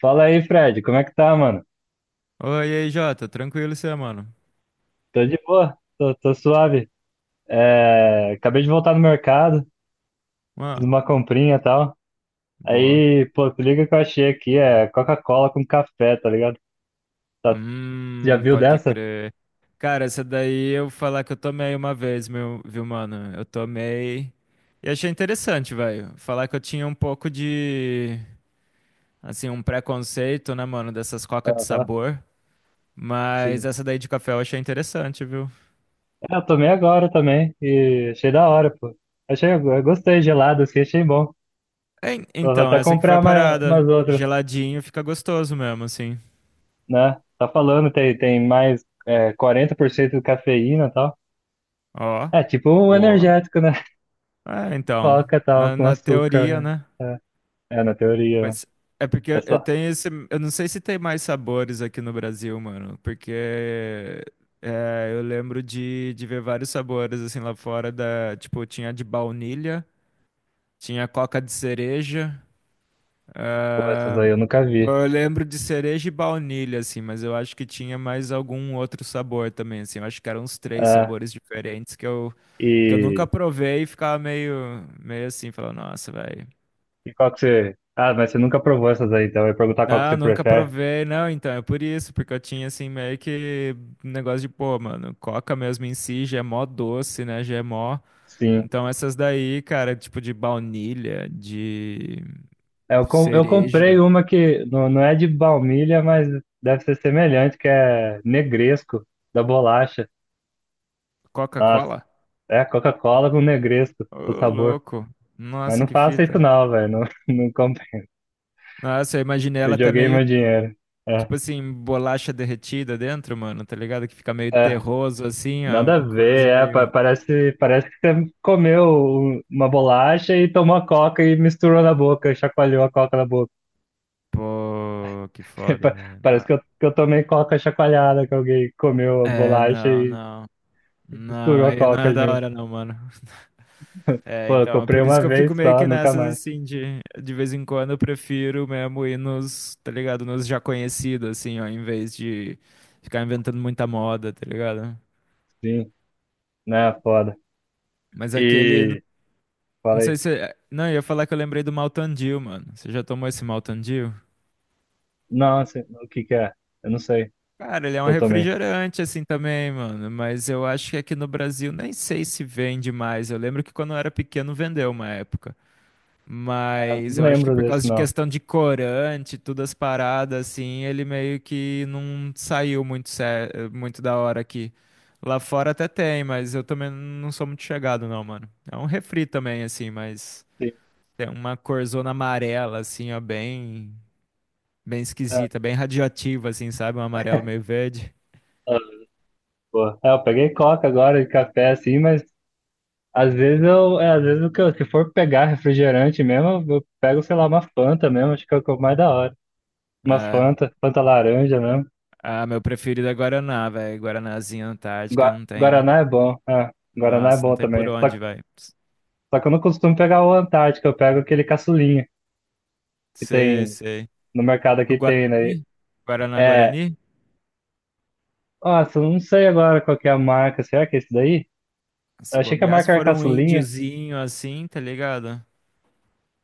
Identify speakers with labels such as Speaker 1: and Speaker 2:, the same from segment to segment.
Speaker 1: Fala aí, Fred, como é que tá, mano?
Speaker 2: Oi, e aí, Jota. Tranquilo, você, mano?
Speaker 1: Tô de boa, tô suave. É, acabei de voltar no mercado, fiz
Speaker 2: Ah,
Speaker 1: uma comprinha e tal.
Speaker 2: boa.
Speaker 1: Aí, pô, se liga que eu achei aqui, é Coca-Cola com café, tá ligado? Tá- Já viu
Speaker 2: Pode
Speaker 1: dessa?
Speaker 2: crer. Cara, essa daí eu falar que eu tomei uma vez, meu, viu, mano? Eu tomei e achei interessante, velho. Falar que eu tinha um pouco de, assim, um preconceito, né, mano, dessas cocas de
Speaker 1: Aham,
Speaker 2: sabor. Mas
Speaker 1: sim.
Speaker 2: essa daí de café eu achei interessante, viu?
Speaker 1: É, eu tomei agora também e achei da hora, pô. Achei, eu gostei, gelado, assim, achei bom.
Speaker 2: En-
Speaker 1: Eu vou
Speaker 2: Então,
Speaker 1: até
Speaker 2: essa aqui foi
Speaker 1: comprar
Speaker 2: a
Speaker 1: mais, umas
Speaker 2: parada.
Speaker 1: outras,
Speaker 2: Geladinho fica gostoso mesmo, assim.
Speaker 1: né? Tá falando, tem mais é, 40% de cafeína e tal.
Speaker 2: Ó,
Speaker 1: É, tipo um
Speaker 2: boa.
Speaker 1: energético, né?
Speaker 2: É, então,
Speaker 1: Coca tal,
Speaker 2: na,
Speaker 1: com
Speaker 2: na teoria,
Speaker 1: açúcar.
Speaker 2: né?
Speaker 1: É, é, na teoria.
Speaker 2: Mas é porque eu
Speaker 1: Essa,
Speaker 2: tenho esse. Eu não sei se tem mais sabores aqui no Brasil, mano. Porque eu lembro de ver vários sabores assim lá fora da. Tipo, tinha de baunilha, tinha coca de cereja.
Speaker 1: pô, essas
Speaker 2: Ah,
Speaker 1: aí eu nunca vi.
Speaker 2: eu lembro de cereja e baunilha, assim, mas eu acho que tinha mais algum outro sabor também, assim. Eu acho que eram uns três
Speaker 1: É,
Speaker 2: sabores diferentes que eu nunca
Speaker 1: e,
Speaker 2: provei e ficava meio assim, falando, nossa, velho.
Speaker 1: e qual que você. Ah, mas você nunca provou essas aí, então eu ia perguntar qual que você
Speaker 2: Não, nunca
Speaker 1: prefere.
Speaker 2: provei, não, então é por isso, porque eu tinha assim meio que um negócio de, pô, mano, coca mesmo em si já é mó doce, né, já é mó.
Speaker 1: Sim.
Speaker 2: Então essas daí, cara, tipo de baunilha, de
Speaker 1: É, eu comprei
Speaker 2: cereja,
Speaker 1: uma que não, não é de baunilha, mas deve ser semelhante, que é negresco, da bolacha. Nossa,
Speaker 2: Coca-Cola?
Speaker 1: é Coca-Cola com negresco, o
Speaker 2: Ô,
Speaker 1: sabor.
Speaker 2: louco.
Speaker 1: Mas
Speaker 2: Nossa,
Speaker 1: não
Speaker 2: que
Speaker 1: faça isso
Speaker 2: fita.
Speaker 1: não, velho. Não, não comprei.
Speaker 2: Nossa, eu imaginei ela
Speaker 1: Eu
Speaker 2: até
Speaker 1: joguei
Speaker 2: meio,
Speaker 1: meu dinheiro. É,
Speaker 2: tipo assim, bolacha derretida dentro, mano, tá ligado? Que fica meio
Speaker 1: é.
Speaker 2: terroso assim,
Speaker 1: Nada a
Speaker 2: ó,
Speaker 1: ver,
Speaker 2: quase
Speaker 1: é,
Speaker 2: meio.
Speaker 1: parece que você comeu uma bolacha e tomou a coca e misturou na boca, chacoalhou a coca na boca.
Speaker 2: Pô, que foda,
Speaker 1: Pa-
Speaker 2: velho.
Speaker 1: Parece
Speaker 2: Ah,
Speaker 1: que eu tomei coca chacoalhada, que alguém comeu a
Speaker 2: é,
Speaker 1: bolacha
Speaker 2: não,
Speaker 1: e
Speaker 2: não. Não,
Speaker 1: misturou a
Speaker 2: aí não
Speaker 1: coca
Speaker 2: é da
Speaker 1: junto.
Speaker 2: hora não, mano. É,
Speaker 1: Pô, eu
Speaker 2: então, é
Speaker 1: comprei
Speaker 2: por isso
Speaker 1: uma
Speaker 2: que eu fico
Speaker 1: vez
Speaker 2: meio
Speaker 1: só,
Speaker 2: que
Speaker 1: nunca
Speaker 2: nessas
Speaker 1: mais.
Speaker 2: assim, de vez em quando eu prefiro mesmo ir nos, tá ligado? Nos já conhecidos, assim, ó, em vez de ficar inventando muita moda, tá ligado?
Speaker 1: Sim, né, foda.
Speaker 2: Mas aquele, não
Speaker 1: E
Speaker 2: não sei
Speaker 1: falei,
Speaker 2: se, não, eu ia falar que eu lembrei do Mountain Dew, mano. Você já tomou esse Mountain Dew?
Speaker 1: não, assim, o que que é? Eu não sei,
Speaker 2: Cara, ele é um
Speaker 1: eu tomei.
Speaker 2: refrigerante assim também, mano, mas eu acho que aqui no Brasil nem sei se vende mais. Eu lembro que quando eu era pequeno vendeu uma época.
Speaker 1: Eu
Speaker 2: Mas
Speaker 1: não
Speaker 2: eu acho que
Speaker 1: lembro
Speaker 2: por causa
Speaker 1: desse,
Speaker 2: de
Speaker 1: não.
Speaker 2: questão de corante, todas as paradas, assim, ele meio que não saiu muito, muito da hora aqui. Lá fora até tem, mas eu também não sou muito chegado, não, mano. É um refri também, assim, mas
Speaker 1: Sim,
Speaker 2: tem uma corzona amarela, assim, ó, bem, bem
Speaker 1: é,
Speaker 2: esquisita, bem radioativa, assim, sabe? Um amarelo meio verde.
Speaker 1: é, pô. É, eu peguei coca agora e café, assim, mas às vezes eu, é, às vezes o que eu, se for pegar refrigerante mesmo, eu pego, sei lá, uma Fanta mesmo, acho que é o mais da hora. Uma
Speaker 2: É.
Speaker 1: Fanta, Fanta laranja mesmo.
Speaker 2: Ah, meu preferido é Guaraná, velho. Guaranazinha Antártica não tem.
Speaker 1: Guaraná é bom, é, Guaraná é
Speaker 2: Nossa, não
Speaker 1: bom
Speaker 2: tem por
Speaker 1: também.
Speaker 2: onde, velho.
Speaker 1: Só que eu não costumo pegar o Antártico, eu pego aquele caçulinha que
Speaker 2: Sei,
Speaker 1: tem
Speaker 2: sei.
Speaker 1: no mercado
Speaker 2: O
Speaker 1: aqui tem, né?
Speaker 2: Guarani? Guaraná
Speaker 1: É,
Speaker 2: Guarani?
Speaker 1: nossa, eu não sei agora qual que é a marca, será que é esse daí? Eu
Speaker 2: Se
Speaker 1: achei que a
Speaker 2: bobear, se
Speaker 1: marca era
Speaker 2: for um
Speaker 1: caçulinha.
Speaker 2: índiozinho assim, tá ligado?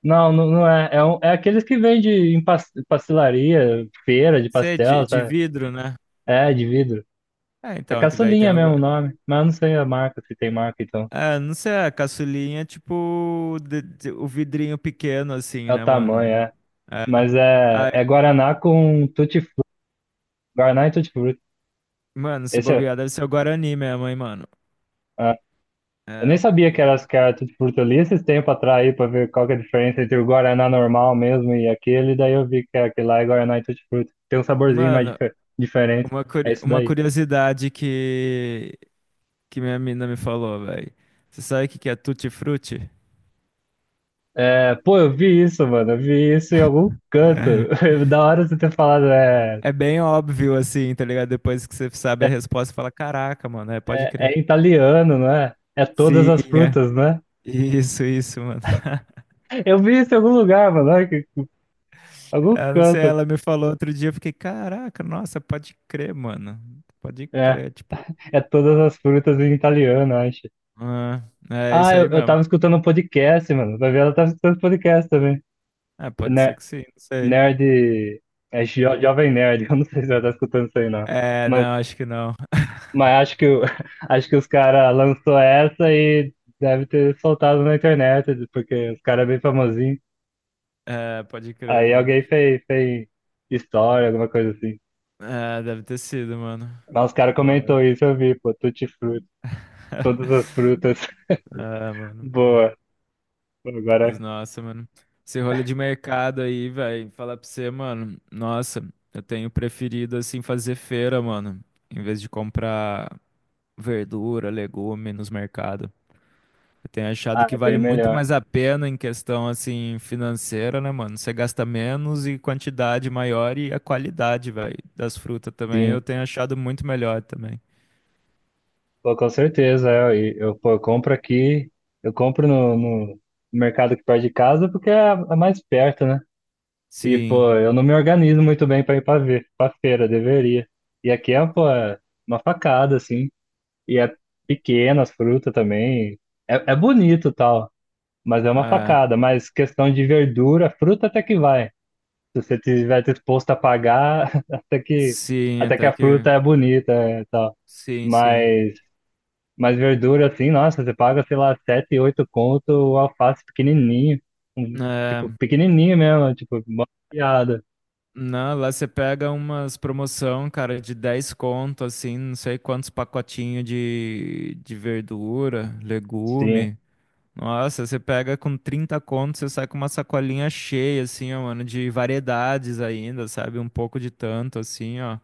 Speaker 1: Não é. É, é aqueles que vende em pastelaria, feira de
Speaker 2: Você é de,
Speaker 1: pastel,
Speaker 2: de
Speaker 1: sabe?
Speaker 2: vidro, né?
Speaker 1: É, de vidro.
Speaker 2: É,
Speaker 1: É
Speaker 2: então, que daí tem
Speaker 1: caçulinha
Speaker 2: o. gua-
Speaker 1: mesmo o nome, mas eu não sei a marca, se tem marca, então.
Speaker 2: Ah, não sei, a caçulinha é tipo o vidrinho pequeno, assim,
Speaker 1: É o
Speaker 2: né, mano?
Speaker 1: tamanho, é.
Speaker 2: É.
Speaker 1: Mas é,
Speaker 2: Ai,
Speaker 1: é Guaraná com tutti-frutti. Guaraná e tutti-frutti.
Speaker 2: mano, se
Speaker 1: Esse é,
Speaker 2: bobear, deve ser o Guarani mesmo, hein, mano?
Speaker 1: ah, eu nem
Speaker 2: É.
Speaker 1: sabia que era tutti-frutti. Eu li esses tempos atrás aí pra ver qual que é a diferença entre o Guaraná normal mesmo e aquele. Daí eu vi que é aquele lá é Guaraná e tutti-frutti. Tem um saborzinho mais
Speaker 2: Mano,
Speaker 1: diferente.
Speaker 2: uma,
Speaker 1: É
Speaker 2: curi-
Speaker 1: isso
Speaker 2: uma
Speaker 1: daí.
Speaker 2: curiosidade que minha mina me falou, velho. Você sabe o que que é tutti-frutti?
Speaker 1: É, pô, eu vi isso, mano. Eu vi isso em algum canto. Da hora você ter falado,
Speaker 2: É bem óbvio, assim, tá ligado? Depois que você sabe a resposta, você fala, caraca, mano, é, pode
Speaker 1: é
Speaker 2: crer.
Speaker 1: em italiano, não é? É todas
Speaker 2: Sim,
Speaker 1: as
Speaker 2: é.
Speaker 1: frutas, né?
Speaker 2: Isso, mano.
Speaker 1: Eu vi isso em algum lugar, mano. Algum
Speaker 2: Eu não sei,
Speaker 1: canto.
Speaker 2: ela me falou outro dia, eu fiquei, caraca, nossa, pode crer, mano. Pode
Speaker 1: É,
Speaker 2: crer, tipo.
Speaker 1: é todas as frutas em italiano, acho.
Speaker 2: Ah, é
Speaker 1: Ah,
Speaker 2: isso
Speaker 1: eu,
Speaker 2: aí
Speaker 1: eu
Speaker 2: mesmo.
Speaker 1: tava escutando um podcast, mano. Vai ver, ela tava escutando podcast também.
Speaker 2: É, pode ser
Speaker 1: Ne-
Speaker 2: que sim, não sei.
Speaker 1: Nerd. É Jovem Nerd. Eu não sei se ela tá escutando isso aí, não.
Speaker 2: É,
Speaker 1: Mas,
Speaker 2: não, acho que não.
Speaker 1: mas acho que, acho que os caras lançou essa e deve ter soltado na internet, porque os caras é bem famosinho.
Speaker 2: É, pode crer,
Speaker 1: Aí
Speaker 2: mano.
Speaker 1: alguém fez história, alguma coisa assim.
Speaker 2: É, deve ter sido, mano.
Speaker 1: Mas os caras
Speaker 2: Pô,
Speaker 1: comentou
Speaker 2: mano.
Speaker 1: isso, eu vi, pô, tutti frutti, todas as frutas.
Speaker 2: É, mano.
Speaker 1: Boa. Pô,
Speaker 2: Mas,
Speaker 1: agora,
Speaker 2: nossa, mano. Esse rolê de mercado aí, velho. Falar pra você, mano. Nossa, eu tenho preferido, assim, fazer feira, mano. Em vez de comprar verdura, legume nos mercados. Eu tenho achado
Speaker 1: ah,
Speaker 2: que
Speaker 1: é bem
Speaker 2: vale muito
Speaker 1: melhor.
Speaker 2: mais a pena em questão, assim, financeira, né, mano? Você gasta menos e quantidade maior e a qualidade, velho, das frutas também. Eu
Speaker 1: Sim,
Speaker 2: tenho achado muito melhor também.
Speaker 1: pô, com certeza. Eu compro aqui, eu compro no, no mercado que perto de casa porque é a mais perto, né? E,
Speaker 2: Sim,
Speaker 1: pô, eu não me organizo muito bem para ir para ver, para feira, deveria. E aqui é, pô, é uma facada, assim. E é pequena as frutas também. É, é bonito e tal, mas é uma
Speaker 2: é.
Speaker 1: facada. Mas questão de verdura, fruta até que vai. Se você tiver disposto a pagar,
Speaker 2: Sim,
Speaker 1: até que
Speaker 2: até
Speaker 1: a
Speaker 2: que.
Speaker 1: fruta é bonita é, e tal.
Speaker 2: Sim, sim.
Speaker 1: Mas, mas verdura, assim, nossa, você paga, sei lá, sete, oito conto, o alface pequenininho. Um, tipo,
Speaker 2: É,
Speaker 1: pequenininho mesmo, tipo, mó piada.
Speaker 2: não, lá você pega umas promoção, cara, de 10 conto, assim, não sei quantos pacotinhos de verdura,
Speaker 1: Sim,
Speaker 2: legume. Nossa, você pega com 30 conto, você sai com uma sacolinha cheia, assim, ó, mano, de variedades ainda, sabe? Um pouco de tanto, assim, ó.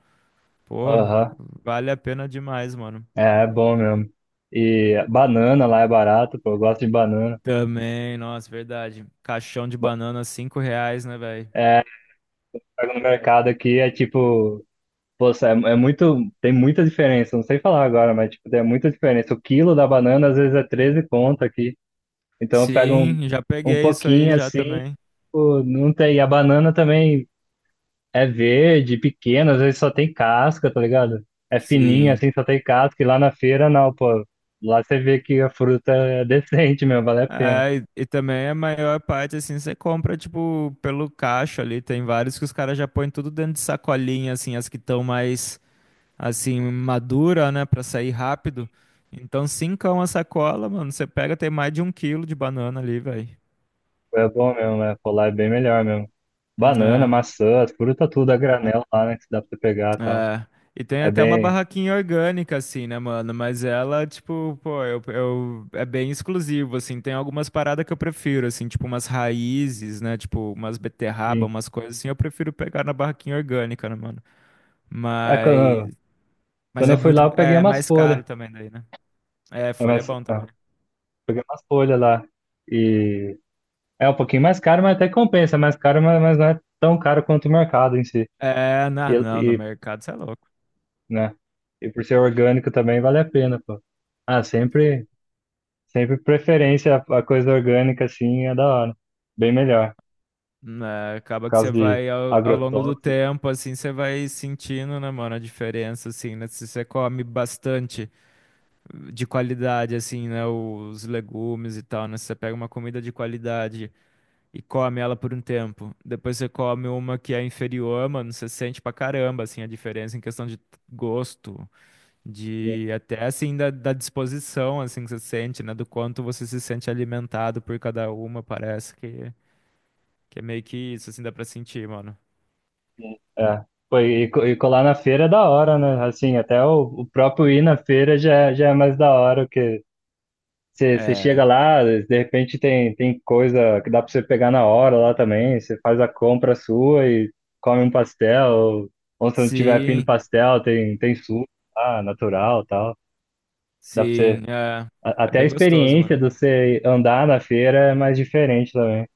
Speaker 2: Pô,
Speaker 1: aham.
Speaker 2: vale a pena demais, mano.
Speaker 1: É, é bom mesmo. E banana lá é barato, pô, eu gosto de banana.
Speaker 2: Também, nossa, verdade. Caixão de
Speaker 1: Ba-
Speaker 2: banana, 5 reais, né, velho?
Speaker 1: Pego no mercado aqui, é tipo, poxa, é, é muito, tem muita diferença, não sei falar agora, mas tipo, tem muita diferença. O quilo da banana às vezes é 13 conto aqui. Então eu pego um,
Speaker 2: Sim, já
Speaker 1: um
Speaker 2: peguei isso aí
Speaker 1: pouquinho
Speaker 2: já
Speaker 1: assim,
Speaker 2: também.
Speaker 1: pô, não tem. E a banana também é verde, pequena, às vezes só tem casca, tá ligado? É fininha
Speaker 2: Sim,
Speaker 1: assim, só tem casca. E lá na feira não, pô. Lá você vê que a fruta é decente mesmo, vale a pena.
Speaker 2: é, e também a maior parte, assim, você compra, tipo, pelo caixa ali. Tem vários que os caras já põem tudo dentro de sacolinha, assim, as que estão mais, assim, madura, né, pra sair rápido. Então, cincão a sacola, mano, você pega, tem mais de 1 quilo de banana ali, velho.
Speaker 1: É bom mesmo, né? Pô, lá é bem melhor mesmo. Banana, maçã, as frutas tudo a granel lá, né? Que dá pra você pegar e tal.
Speaker 2: É, e tem
Speaker 1: É
Speaker 2: até uma
Speaker 1: bem.
Speaker 2: barraquinha orgânica, assim, né, mano? Mas ela, tipo, pô, é bem exclusivo, assim. Tem algumas paradas que eu prefiro, assim, tipo umas raízes, né? Tipo, umas beterraba,
Speaker 1: Sim.
Speaker 2: umas coisas assim. Eu prefiro pegar na barraquinha orgânica, né, mano?
Speaker 1: É,
Speaker 2: Mas,
Speaker 1: quando,
Speaker 2: mas
Speaker 1: quando
Speaker 2: é
Speaker 1: eu fui
Speaker 2: muito,
Speaker 1: lá, eu peguei
Speaker 2: é
Speaker 1: umas
Speaker 2: mais
Speaker 1: folhas.
Speaker 2: caro também daí, né? É,
Speaker 1: É,
Speaker 2: folha é
Speaker 1: mas,
Speaker 2: bom
Speaker 1: ah,
Speaker 2: também.
Speaker 1: peguei umas folhas lá. E é um pouquinho mais caro, mas até compensa. É mais caro, mas não é tão caro quanto o mercado em si.
Speaker 2: É,
Speaker 1: E,
Speaker 2: não, não, no
Speaker 1: e,
Speaker 2: mercado você é louco.
Speaker 1: né? E por ser orgânico também vale a pena, pô. Ah,
Speaker 2: Sim.
Speaker 1: sempre preferência a coisa orgânica, assim, é da hora. Bem melhor.
Speaker 2: Né,
Speaker 1: Por
Speaker 2: acaba que
Speaker 1: causa
Speaker 2: você
Speaker 1: de
Speaker 2: vai ao longo do
Speaker 1: agrotóxicos,
Speaker 2: tempo, assim, você vai sentindo, né, mano, a diferença, assim, né? Se você come bastante. De qualidade, assim, né? Os legumes e tal, né? Se você pega uma comida de qualidade e come ela por um tempo. Depois você come uma que é inferior, mano, você sente pra caramba, assim, a diferença em questão de gosto,
Speaker 1: enfim.
Speaker 2: de até, assim, da disposição, assim, que você sente, né? Do quanto você se sente alimentado por cada uma, parece que, é meio que isso, assim, dá pra sentir, mano.
Speaker 1: É. Pô, e colar na feira é da hora, né? Assim, até o próprio ir na feira já, já é mais da hora. Você
Speaker 2: É.
Speaker 1: chega lá, de repente tem, tem coisa que dá para você pegar na hora lá também. Você faz a compra sua e come um pastel. Ou se não tiver afim do
Speaker 2: Sim,
Speaker 1: pastel, tem, tem suco lá, natural tal. Dá para você.
Speaker 2: sim, é. É
Speaker 1: Até a
Speaker 2: bem gostoso,
Speaker 1: experiência
Speaker 2: mano.
Speaker 1: de você andar na feira é mais diferente também.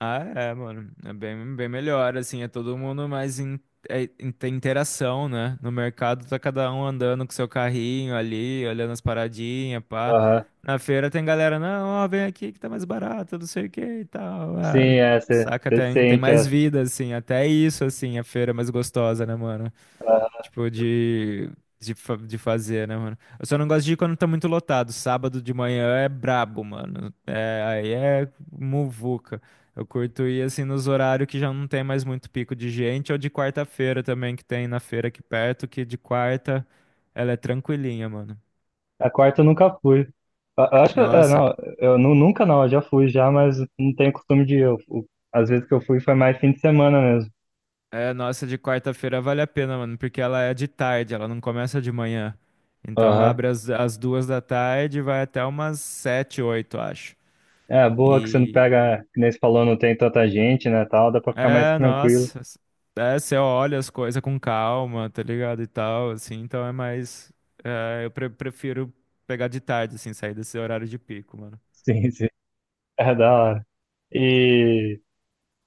Speaker 2: Ah, é, mano. É bem, bem melhor, assim. É todo mundo mais tem interação, né? No mercado tá cada um andando com seu carrinho ali, olhando as paradinhas, pá.
Speaker 1: Aham.
Speaker 2: Na feira tem galera, não, ó, vem aqui que tá mais barato, não sei o que e tal.
Speaker 1: Sim,
Speaker 2: Ah,
Speaker 1: é, você
Speaker 2: saca, tem
Speaker 1: sente.
Speaker 2: mais vida, assim. Até isso, assim, a feira é mais gostosa, né, mano? Tipo, de fazer, né, mano? Eu só não gosto de ir quando tá muito lotado. Sábado de manhã é brabo, mano. É, aí é muvuca. Eu curto ir assim nos horários que já não tem mais muito pico de gente, ou de quarta-feira também, que tem na feira aqui perto, que de quarta ela é tranquilinha, mano.
Speaker 1: A quarta eu nunca fui. Eu acho que. É,
Speaker 2: Nossa,
Speaker 1: não, eu nunca não, eu já fui já, mas não tenho costume de ir. Às vezes que eu fui foi mais fim de semana mesmo.
Speaker 2: nossa, de quarta-feira vale a pena, mano, porque ela é de tarde, ela não começa de manhã. Então ela abre às 2 da tarde e vai até umas 7, 8, acho.
Speaker 1: É, boa que você não
Speaker 2: E,
Speaker 1: pega, que nem você falou, não tem tanta gente, né, tal, dá pra ficar mais
Speaker 2: É,
Speaker 1: tranquilo.
Speaker 2: nossa. É, você olha as coisas com calma, tá ligado? E tal, assim, então é mais. Eu prefiro pegar de tarde, assim, sair desse horário de pico, mano.
Speaker 1: Sim, sim. É da hora. E,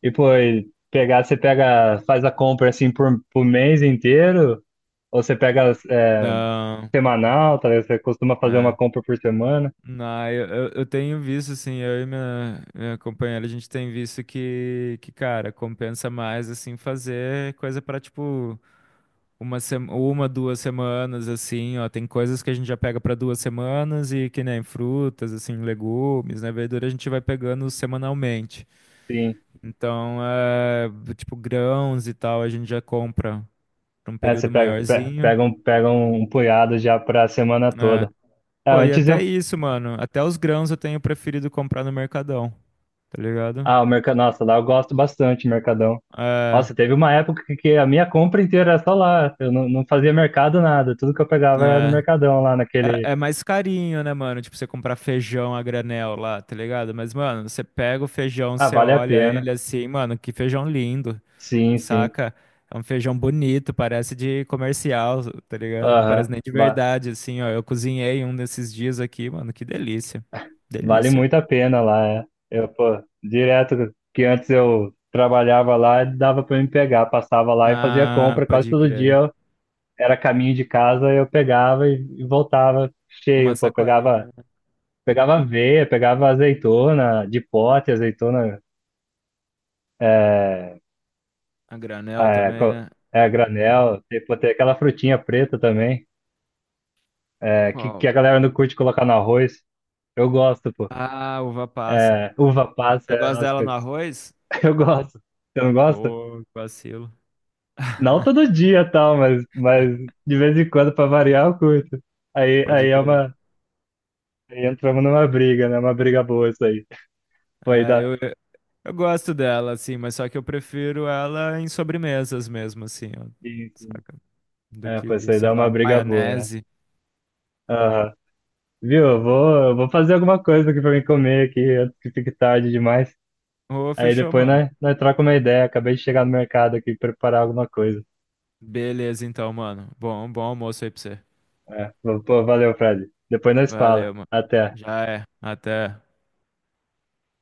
Speaker 1: e pô, e pegar, você pega, faz a compra assim por mês inteiro, ou você pega é,
Speaker 2: Não,
Speaker 1: semanal, talvez você costuma fazer uma
Speaker 2: é.
Speaker 1: compra por semana.
Speaker 2: Não, eu tenho visto, assim, eu e minha companheira, a gente tem visto cara, compensa mais, assim, fazer coisa pra, tipo. Uma, duas semanas, assim, ó. Tem coisas que a gente já pega para 2 semanas e que nem frutas, assim, legumes, né? Verdura a gente vai pegando semanalmente.
Speaker 1: Sim.
Speaker 2: Então, tipo, grãos e tal, a gente já compra pra um
Speaker 1: É, você
Speaker 2: período
Speaker 1: pega, pe-
Speaker 2: maiorzinho.
Speaker 1: pega um, pega um punhado já pra semana
Speaker 2: É.
Speaker 1: toda. É,
Speaker 2: Pô, e
Speaker 1: antes
Speaker 2: até
Speaker 1: eu,
Speaker 2: isso, mano. Até os grãos eu tenho preferido comprar no Mercadão, tá ligado?
Speaker 1: ah, o mercado, nossa, lá eu gosto bastante, do Mercadão.
Speaker 2: É,
Speaker 1: Nossa, teve uma época que a minha compra inteira era só lá. Eu não, não fazia mercado nada. Tudo que eu pegava era no
Speaker 2: é.
Speaker 1: Mercadão lá naquele.
Speaker 2: É, é mais carinho, né, mano? Tipo, você comprar feijão a granel lá, tá ligado? Mas, mano, você pega o feijão,
Speaker 1: Ah,
Speaker 2: você
Speaker 1: vale a
Speaker 2: olha
Speaker 1: pena.
Speaker 2: ele assim, mano, que feijão lindo,
Speaker 1: Sim, sim.
Speaker 2: saca? É um feijão bonito, parece de comercial, tá ligado? Não parece
Speaker 1: Aham.
Speaker 2: nem de verdade, assim, ó. Eu cozinhei um desses dias aqui, mano, que delícia.
Speaker 1: Vale
Speaker 2: Delícia.
Speaker 1: muito a pena lá. É. Eu, pô, direto que antes eu trabalhava lá, dava pra me pegar. Passava lá e fazia
Speaker 2: Ah,
Speaker 1: compra quase
Speaker 2: pode
Speaker 1: todo dia.
Speaker 2: crer.
Speaker 1: Era caminho de casa, eu pegava e voltava
Speaker 2: Com uma
Speaker 1: cheio, pô. Pegava,
Speaker 2: sacolinha.
Speaker 1: pegava aveia, pegava azeitona, de pote, azeitona
Speaker 2: A granel
Speaker 1: É,
Speaker 2: também,
Speaker 1: co-
Speaker 2: né?
Speaker 1: é a granel, tem, pô, tem aquela frutinha preta também, é, que
Speaker 2: Qual?
Speaker 1: a galera não curte colocar no arroz. Eu gosto, pô.
Speaker 2: Ah, uva passa.
Speaker 1: É, uva passa,
Speaker 2: Você
Speaker 1: é,
Speaker 2: gosta
Speaker 1: nossa,
Speaker 2: dela no arroz?
Speaker 1: eu gosto. Você não gosta?
Speaker 2: Pô, que vacilo.
Speaker 1: Não todo dia, tal, mas de vez em quando, pra variar, eu curto. Aí,
Speaker 2: Pode
Speaker 1: aí é
Speaker 2: crer.
Speaker 1: uma. Aí entramos numa briga, né? Uma briga boa isso aí. Foi
Speaker 2: É,
Speaker 1: dar.
Speaker 2: eu gosto dela, assim, mas só que eu prefiro ela em sobremesas mesmo, assim, ó,
Speaker 1: Isso.
Speaker 2: saca? Do
Speaker 1: É, pô, isso
Speaker 2: que,
Speaker 1: aí
Speaker 2: sei
Speaker 1: dá uma
Speaker 2: lá,
Speaker 1: briga boa. Né?
Speaker 2: maionese.
Speaker 1: Aham. Viu? Eu vou fazer alguma coisa aqui pra mim comer aqui antes que fique tarde demais.
Speaker 2: Ô,
Speaker 1: Aí
Speaker 2: fechou,
Speaker 1: depois
Speaker 2: mano.
Speaker 1: nós trocamos uma ideia. Acabei de chegar no mercado aqui preparar alguma coisa.
Speaker 2: Beleza, então, mano. Bom almoço aí pra você.
Speaker 1: É, pô, valeu, Fred. Depois nós fala.
Speaker 2: Valeu, mano.
Speaker 1: Até.
Speaker 2: Já é. Até.